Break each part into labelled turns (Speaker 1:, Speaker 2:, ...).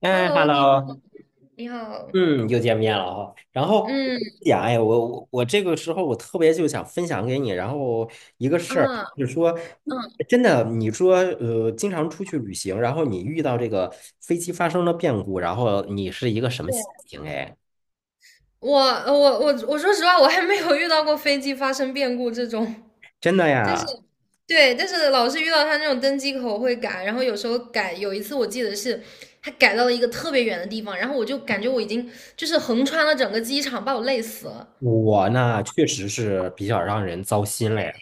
Speaker 1: 哎
Speaker 2: Hello，你好。
Speaker 1: ，Hello，
Speaker 2: 你好。
Speaker 1: 嗯，又见面了哈。然后
Speaker 2: 嗯
Speaker 1: 哎呀，哎，我这个时候我特别就想分享给你，然后一个事儿
Speaker 2: 啊
Speaker 1: 就是说，
Speaker 2: 嗯，
Speaker 1: 真的。你说经常出去旅行，然后你遇到这个飞机发生了变故，然后你是一个什么
Speaker 2: 对。
Speaker 1: 心情？哎，
Speaker 2: 我说实话，我还没有遇到过飞机发生变故这种，
Speaker 1: 真的
Speaker 2: 但是
Speaker 1: 呀。
Speaker 2: 对。但是老是遇到他那种登机口会改，然后有时候改，有一次我记得是他改到了一个特别远的地方，然后我就感觉我已经就是横穿了整个机场，把我累死了。
Speaker 1: 我呢确实是比较让人糟心嘞。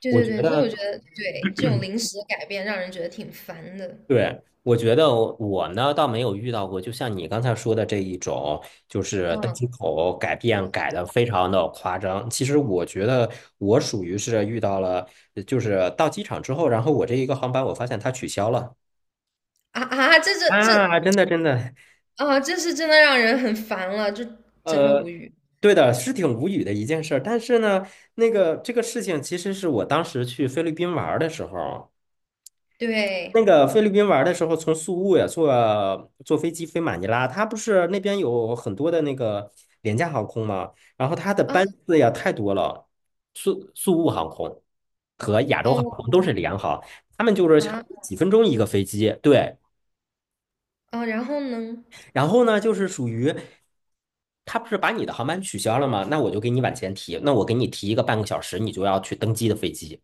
Speaker 2: 对
Speaker 1: 我
Speaker 2: 对
Speaker 1: 觉
Speaker 2: 对，所以我觉
Speaker 1: 得
Speaker 2: 得对这种临时的改变让人觉得挺烦的。
Speaker 1: 对，我觉得我呢倒没有遇到过，就像你刚才说的这一种，就是登机
Speaker 2: 嗯，
Speaker 1: 口改变改的非常的夸张。其实我觉得我属于是遇到了，就是到机场之后，然后我这一个航班我发现它取消了
Speaker 2: 啊啊，这这这
Speaker 1: 啊。真的真的，
Speaker 2: 啊，这是真的让人很烦了，就真的无
Speaker 1: 呃，
Speaker 2: 语。
Speaker 1: 对的，是挺无语的一件事儿。但是呢，那个这个事情其实是我当时去菲律宾玩儿的时候。
Speaker 2: 对。
Speaker 1: 那个菲律宾玩的时候，从宿务呀坐飞机飞马尼拉，它不是那边有很多的那个廉价航空吗？然后它的
Speaker 2: 啊。
Speaker 1: 班次呀太多了，宿务航空和亚洲航空
Speaker 2: 哦。
Speaker 1: 都是联航，他们就是差不
Speaker 2: 啊。
Speaker 1: 多几分钟一个飞机。对，
Speaker 2: 哦，然后呢？
Speaker 1: 然后呢就是属于。他不是把你的航班取消了吗？那我就给你往前提，那我给你提一个半个小时，你就要去登机的飞机。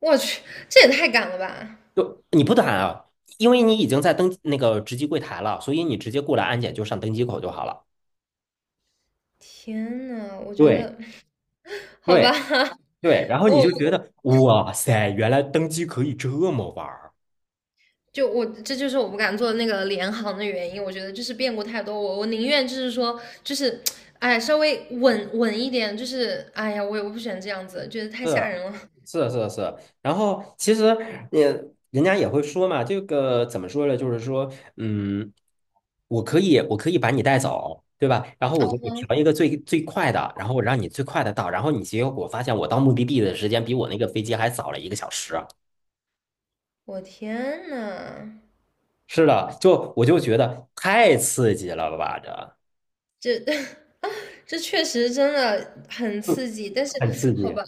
Speaker 2: 我去，这也太赶了吧！
Speaker 1: 就你不打啊，因为你已经在登那个值机柜台了，所以你直接过来安检就上登机口就好了。
Speaker 2: 天呐，我觉
Speaker 1: 对
Speaker 2: 得，好吧，
Speaker 1: 对对，然 后你
Speaker 2: 我
Speaker 1: 就觉
Speaker 2: 我
Speaker 1: 得哇塞，原来登机可以这么玩儿。
Speaker 2: 我这就是我不敢做那个联航的原因。我觉得就是变故太多，我宁愿就是说就是，哎，稍微稳一点，就是哎呀，我不喜欢这样子，觉得太吓人了。
Speaker 1: 是是是是，然后其实也人家也会说嘛，这个怎么说呢？就是说，嗯，我可以把你带走，对吧？然后我给你调一个最最快的，然后我让你最快的到，然后你结果发现我到目的地的时间比我那个飞机还早了一个小时。
Speaker 2: 我天呐，
Speaker 1: 是的，就我就觉得太刺激了吧，这
Speaker 2: 这 这确实真的很
Speaker 1: 就
Speaker 2: 刺激，但是
Speaker 1: 很刺
Speaker 2: 好
Speaker 1: 激。
Speaker 2: 吧。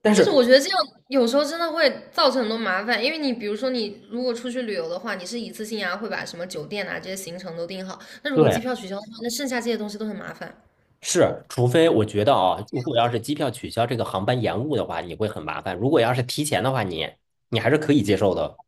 Speaker 1: 但
Speaker 2: 但是
Speaker 1: 是，
Speaker 2: 我觉得这样有时候真的会造成很多麻烦，因为你比如说你如果出去旅游的话，你是一次性啊会把什么酒店啊这些行程都订好，那如果机
Speaker 1: 对，
Speaker 2: 票取消的话，那剩下这些东西都很麻烦。
Speaker 1: 是，除非我觉得啊，如果要是机票取消，这个航班延误的话，你会很麻烦；如果要是提前的话，你还是可以接受的。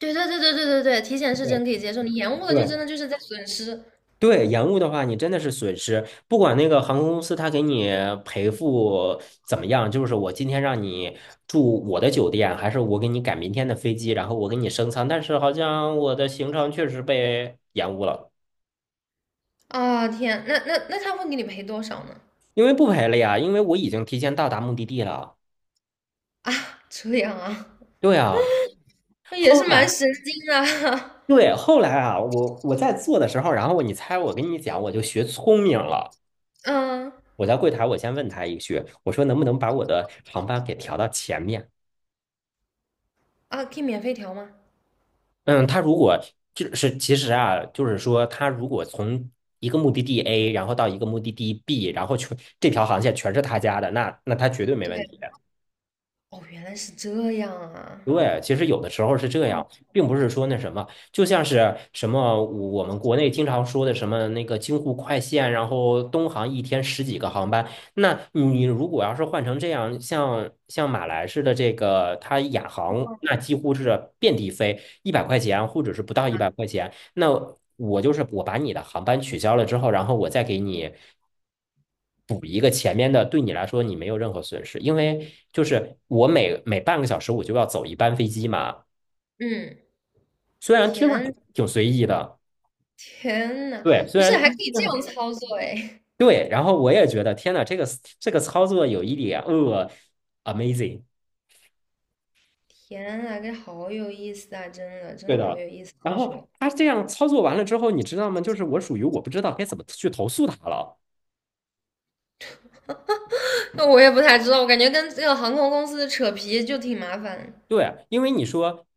Speaker 2: 对对对对对对对，提前是
Speaker 1: 对
Speaker 2: 真可以接受，你延误了
Speaker 1: 对
Speaker 2: 就真的就是在损失。
Speaker 1: 对，延误的话，你真的是损失。不管那个航空公司他给你赔付怎么样，就是我今天让你住我的酒店，还是我给你改明天的飞机，然后我给你升舱，但是好像我的行程确实被延误了。
Speaker 2: 啊！天，那他会给你赔多少呢？
Speaker 1: 因为不赔了呀，因为我已经提前到达目的地了。
Speaker 2: 啊，这样啊，
Speaker 1: 对啊，
Speaker 2: 那也
Speaker 1: 后
Speaker 2: 是蛮
Speaker 1: 来
Speaker 2: 神经的。
Speaker 1: 对，后来啊，我在做的时候，然后你猜我跟你讲，我就学聪明了。
Speaker 2: 嗯。
Speaker 1: 我在柜台，我先问他一句，我说能不能把我的航班给调到前面？
Speaker 2: 啊，可以免费调吗？
Speaker 1: 嗯，他如果就是其实啊，就是说他如果从一个目的地 A,然后到一个目的地 B,然后全这条航线全是他家的，那他绝对没问题。
Speaker 2: 对。哦，原来是这样啊。
Speaker 1: 对，其实有的时候是这样，并不是说那什么，就像是什么我们国内经常说的什么那个京沪快线，然后东航一天十几个航班，那你如果要是换成这样，像马来式的这个它亚航，那几乎是遍地飞，一百块钱或者是不到一百块钱，那我就是我把你的航班取消了之后，然后我再给你补一个前面的，对你来说你没有任何损失，因为就是我每半个小时我就要走一班飞机嘛，
Speaker 2: 嗯，
Speaker 1: 虽然听上去
Speaker 2: 天
Speaker 1: 挺随意的。
Speaker 2: 天呐，
Speaker 1: 对，虽
Speaker 2: 不
Speaker 1: 然
Speaker 2: 是还可
Speaker 1: 嗯，
Speaker 2: 以这样操作哎！
Speaker 1: 对，然后我也觉得天呐，这个这个操作有一点amazing。
Speaker 2: 天呐，这好有意思啊！真的，真
Speaker 1: 对
Speaker 2: 的好
Speaker 1: 的。
Speaker 2: 有意思啊。
Speaker 1: 然后
Speaker 2: 说，
Speaker 1: 他这样操作完了之后，你知道吗？就是我属于我不知道该怎么去投诉他了。
Speaker 2: 那我也不太知道，我感觉跟这个航空公司扯皮就挺麻烦。
Speaker 1: 对啊，因为你说，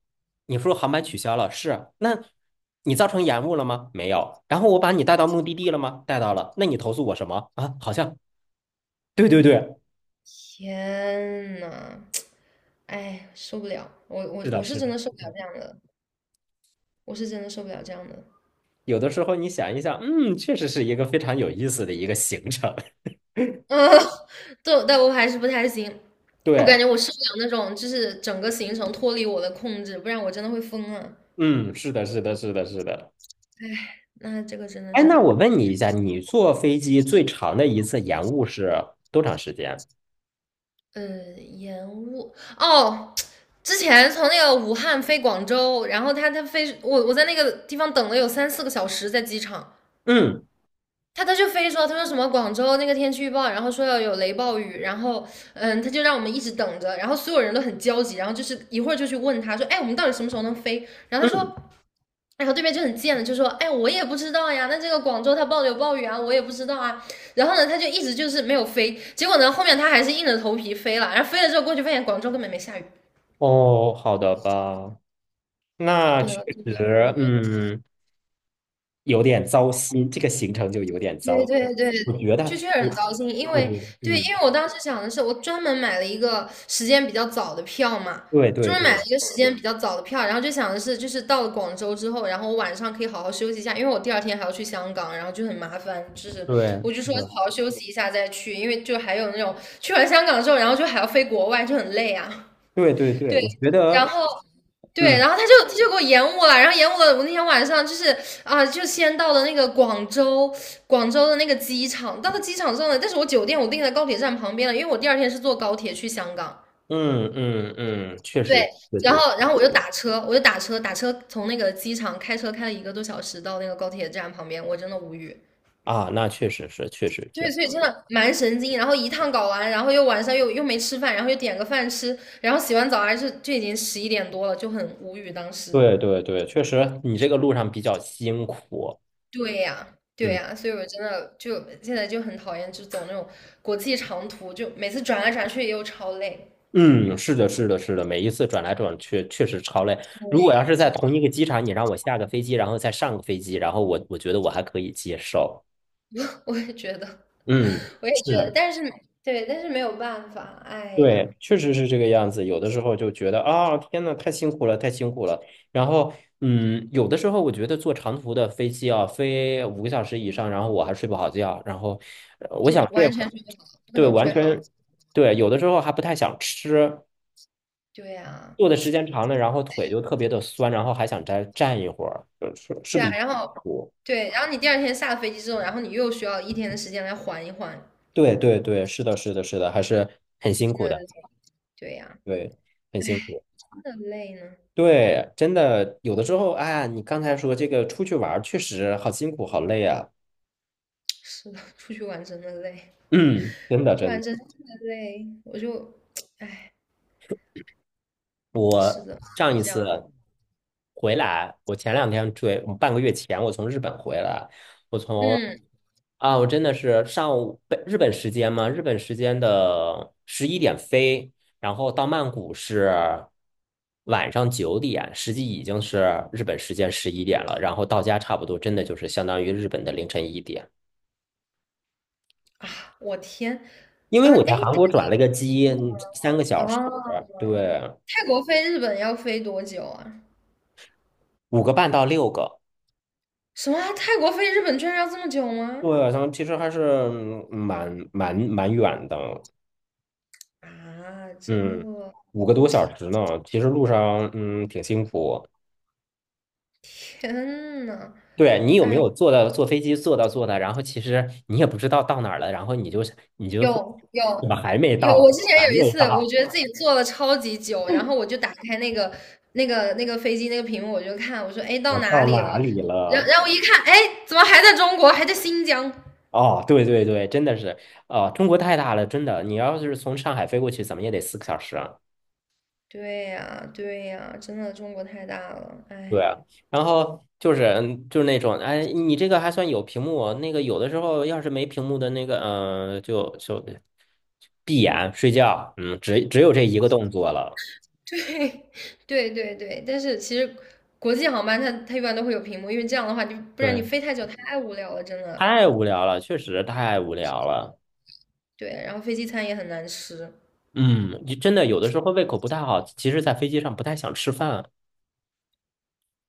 Speaker 1: 你说航班取消了，是啊，那你造成延误了吗？没有。然后我把你带到目的地了吗？带到了。那你投诉我什么啊？好像，对对对，
Speaker 2: 天呐，哎，受不了！我
Speaker 1: 是
Speaker 2: 我
Speaker 1: 的，
Speaker 2: 我是
Speaker 1: 是
Speaker 2: 真
Speaker 1: 的。
Speaker 2: 的受不了这样的，我是真的受不了这样的。
Speaker 1: 有的时候你想一想，嗯，确实是一个非常有意思的一个行程。
Speaker 2: 嗯。对，但我还是不太行。我感
Speaker 1: 对，
Speaker 2: 觉我受不了那种，就是整个行程脱离我的控制，不然我真的会疯了。
Speaker 1: 嗯，是的，是的，是的，是的。
Speaker 2: 那这个真的
Speaker 1: 哎，那
Speaker 2: 是
Speaker 1: 我问你一下，你坐飞机最长的一次延误是多长时间？
Speaker 2: 呃，延误哦。之前从那个武汉飞广州，然后他飞我在那个地方等了有3~4个小时，在机场。
Speaker 1: 嗯
Speaker 2: 他就非说他说什么广州那个天气预报，然后说要有雷暴雨，然后他就让我们一直等着，然后所有人都很焦急，然后就是一会儿就去问他说，哎我们到底什么时候能飞？然后他说，
Speaker 1: 嗯，
Speaker 2: 然后对面就很贱的就说：“哎，我也不知道呀，那这个广州它报的有暴雨啊，我也不知道啊。”然后呢，他就一直就是没有飞，结果呢，后面他还是硬着头皮飞了，然后飞了之后过去发现广州根本没下雨。
Speaker 1: 哦，好的吧。那
Speaker 2: 对
Speaker 1: 确
Speaker 2: 啊，真
Speaker 1: 实，
Speaker 2: 的无语。
Speaker 1: 嗯。有点糟心，这个行程就有点糟
Speaker 2: 对
Speaker 1: 心。
Speaker 2: 对对，
Speaker 1: 我觉得，
Speaker 2: 就确实很
Speaker 1: 我
Speaker 2: 糟心，因
Speaker 1: 我觉
Speaker 2: 为
Speaker 1: 得，
Speaker 2: 对，
Speaker 1: 嗯，
Speaker 2: 因为我当时想的是，我专门买了一个时间比较早的票嘛，
Speaker 1: 对对
Speaker 2: 专门买了
Speaker 1: 对
Speaker 2: 一个时间比较早的票，然后就想的是，就是到了广州之后，然后我晚上可以好好休息一下，因为我第二天还要去香港，然后就很麻烦，就是
Speaker 1: 对，
Speaker 2: 我就
Speaker 1: 是
Speaker 2: 说
Speaker 1: 的，
Speaker 2: 好好休息一下再去，因为就还有那种去完香港之后，然后就还要飞国外，就很累啊。
Speaker 1: 对对对，
Speaker 2: 对，
Speaker 1: 我觉
Speaker 2: 然
Speaker 1: 得，
Speaker 2: 后。对，
Speaker 1: 嗯
Speaker 2: 然后他就给我延误了，然后延误了。我那天晚上就是就先到了那个广州的那个机场。到了机场之后呢，但是我酒店我订在高铁站旁边了，因为我第二天是坐高铁去香港。
Speaker 1: 嗯嗯嗯，确
Speaker 2: 对。
Speaker 1: 实确
Speaker 2: 然
Speaker 1: 实
Speaker 2: 后然后我就打车，我就打车，打车从那个机场开车开了1个多小时到那个高铁站旁边，我真的无语。
Speaker 1: 啊，那确实是确实
Speaker 2: 对，
Speaker 1: 是，
Speaker 2: 所以真的蛮神经。然后一趟搞完，然后又晚上又没吃饭，然后又点个饭吃，然后洗完澡还是就已经11点多了，就很无语当时。
Speaker 1: 对对对，确实你这个路上比较辛苦。
Speaker 2: 对呀，对
Speaker 1: 嗯
Speaker 2: 呀，所以我真的就现在就很讨厌，就走那种国际长途，就每次转来转去又超累。
Speaker 1: 嗯，是的是的是的，每一次转来转去确实超累。如果要
Speaker 2: 对，
Speaker 1: 是在
Speaker 2: 真
Speaker 1: 同一个机场，你让我下个飞机，然后再上个飞机，然后我觉得我还可以接受。
Speaker 2: 的，我也觉得，
Speaker 1: 嗯。
Speaker 2: 我也觉得，
Speaker 1: 是。
Speaker 2: 但是对，但是没有办法，哎呀，
Speaker 1: 对，确实是这个样子。有的时候就觉得啊，天呐，太辛苦了，太辛苦了。然后，嗯，有的时候我觉得坐长途的飞机啊，飞5个小时以上，然后我还睡不好觉，然后我
Speaker 2: 就是
Speaker 1: 想睡
Speaker 2: 完全
Speaker 1: 会。
Speaker 2: 是不可
Speaker 1: 对，
Speaker 2: 能
Speaker 1: 完
Speaker 2: 睡好。
Speaker 1: 全对。有的时候还不太想吃，
Speaker 2: 对呀，
Speaker 1: 坐的时间长了，然后腿就特别的酸，然后还想再站一会儿，是是
Speaker 2: 对啊，
Speaker 1: 比
Speaker 2: 然后对，然后你第二天下了飞机之后，然后你又需要一天的时间来缓一缓，
Speaker 1: 对对对，是的，是的，是的，还是很辛
Speaker 2: 真
Speaker 1: 苦
Speaker 2: 的累。
Speaker 1: 的，
Speaker 2: 对呀，
Speaker 1: 对，很辛苦。
Speaker 2: 真的累呢。
Speaker 1: 对，真的，有的时候，哎呀，你刚才说这个出去玩儿确实好辛苦，好累啊。
Speaker 2: 是的，出去玩真的累，
Speaker 1: 嗯，真的，
Speaker 2: 出去
Speaker 1: 真
Speaker 2: 玩
Speaker 1: 的。
Speaker 2: 真的累，我就，哎，是的，
Speaker 1: 上
Speaker 2: 是
Speaker 1: 一
Speaker 2: 这
Speaker 1: 次
Speaker 2: 样的。
Speaker 1: 回来，我前两天追，我半个月前我从日本回来，我从
Speaker 2: 嗯。
Speaker 1: 啊，我真的是上午本日本时间嘛，日本时间的十一点飞，然后到曼谷是晚上9点，实际已经是日本时间十一点了，然后到家差不多真的就是相当于日本的凌晨1点。
Speaker 2: 啊，我天。
Speaker 1: 因为
Speaker 2: 嗯。
Speaker 1: 我
Speaker 2: 哎，
Speaker 1: 在韩国转了个机，3个小时。
Speaker 2: 哦，
Speaker 1: 对，
Speaker 2: 泰国飞日本要飞多久啊？
Speaker 1: 5个半到6个。
Speaker 2: 什么啊泰国飞日本居然要这么久吗？
Speaker 1: 对，然后其实还是嗯蛮远的。
Speaker 2: 啊，这，
Speaker 1: 嗯，5个多小时呢，其实路上嗯挺辛苦。
Speaker 2: 天呐，
Speaker 1: 对你有没
Speaker 2: 哎，
Speaker 1: 有坐到坐飞机坐到坐的，然后其实你也不知道到哪儿了，然后你就会
Speaker 2: 有
Speaker 1: 怎
Speaker 2: 有
Speaker 1: 么还没
Speaker 2: 有。
Speaker 1: 到，
Speaker 2: 我之前
Speaker 1: 还
Speaker 2: 有一
Speaker 1: 没
Speaker 2: 次，我
Speaker 1: 到，
Speaker 2: 觉得自己坐了超级久，然后我就打开那个飞机那个屏幕，我就看，我说，哎，到
Speaker 1: 我
Speaker 2: 哪
Speaker 1: 到
Speaker 2: 里了？
Speaker 1: 哪里了？
Speaker 2: 然后我一看，哎，怎么还在中国，还在新疆？
Speaker 1: 哦，对对对，真的是，哦，中国太大了，真的，你要是从上海飞过去，怎么也得4个小时。
Speaker 2: 对呀，对呀，真的中国太大了，
Speaker 1: 对，
Speaker 2: 哎。
Speaker 1: 啊，然后就是嗯就是那种，哎，你这个还算有屏幕哦那个有的时候要是没屏幕的那个，嗯、就闭眼睡觉，嗯，只有这一个动作了。
Speaker 2: 对。对对对，但是其实国际航班它一般都会有屏幕，因为这样的话就不然你
Speaker 1: 对，
Speaker 2: 飞太久太无聊了，真的。
Speaker 1: 太无聊了，确实太无聊了。
Speaker 2: 对，然后飞机餐也很难吃。
Speaker 1: 嗯，就真的有的时候胃口不太好，其实在飞机上不太想吃饭，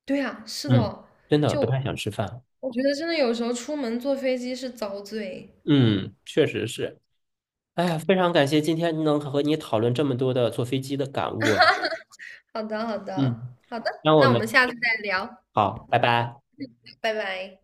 Speaker 2: 对呀，是
Speaker 1: 嗯，
Speaker 2: 的。
Speaker 1: 真的
Speaker 2: 就
Speaker 1: 不太想吃饭。
Speaker 2: 我觉得真的有时候出门坐飞机是遭罪。
Speaker 1: 嗯，确实是。哎呀，非常感谢今天能和你讨论这么多的坐飞机的感悟。
Speaker 2: 好的，好
Speaker 1: 嗯，
Speaker 2: 的，好的，
Speaker 1: 那我
Speaker 2: 那我们
Speaker 1: 们
Speaker 2: 下次再聊，
Speaker 1: 好，拜拜。
Speaker 2: 拜拜。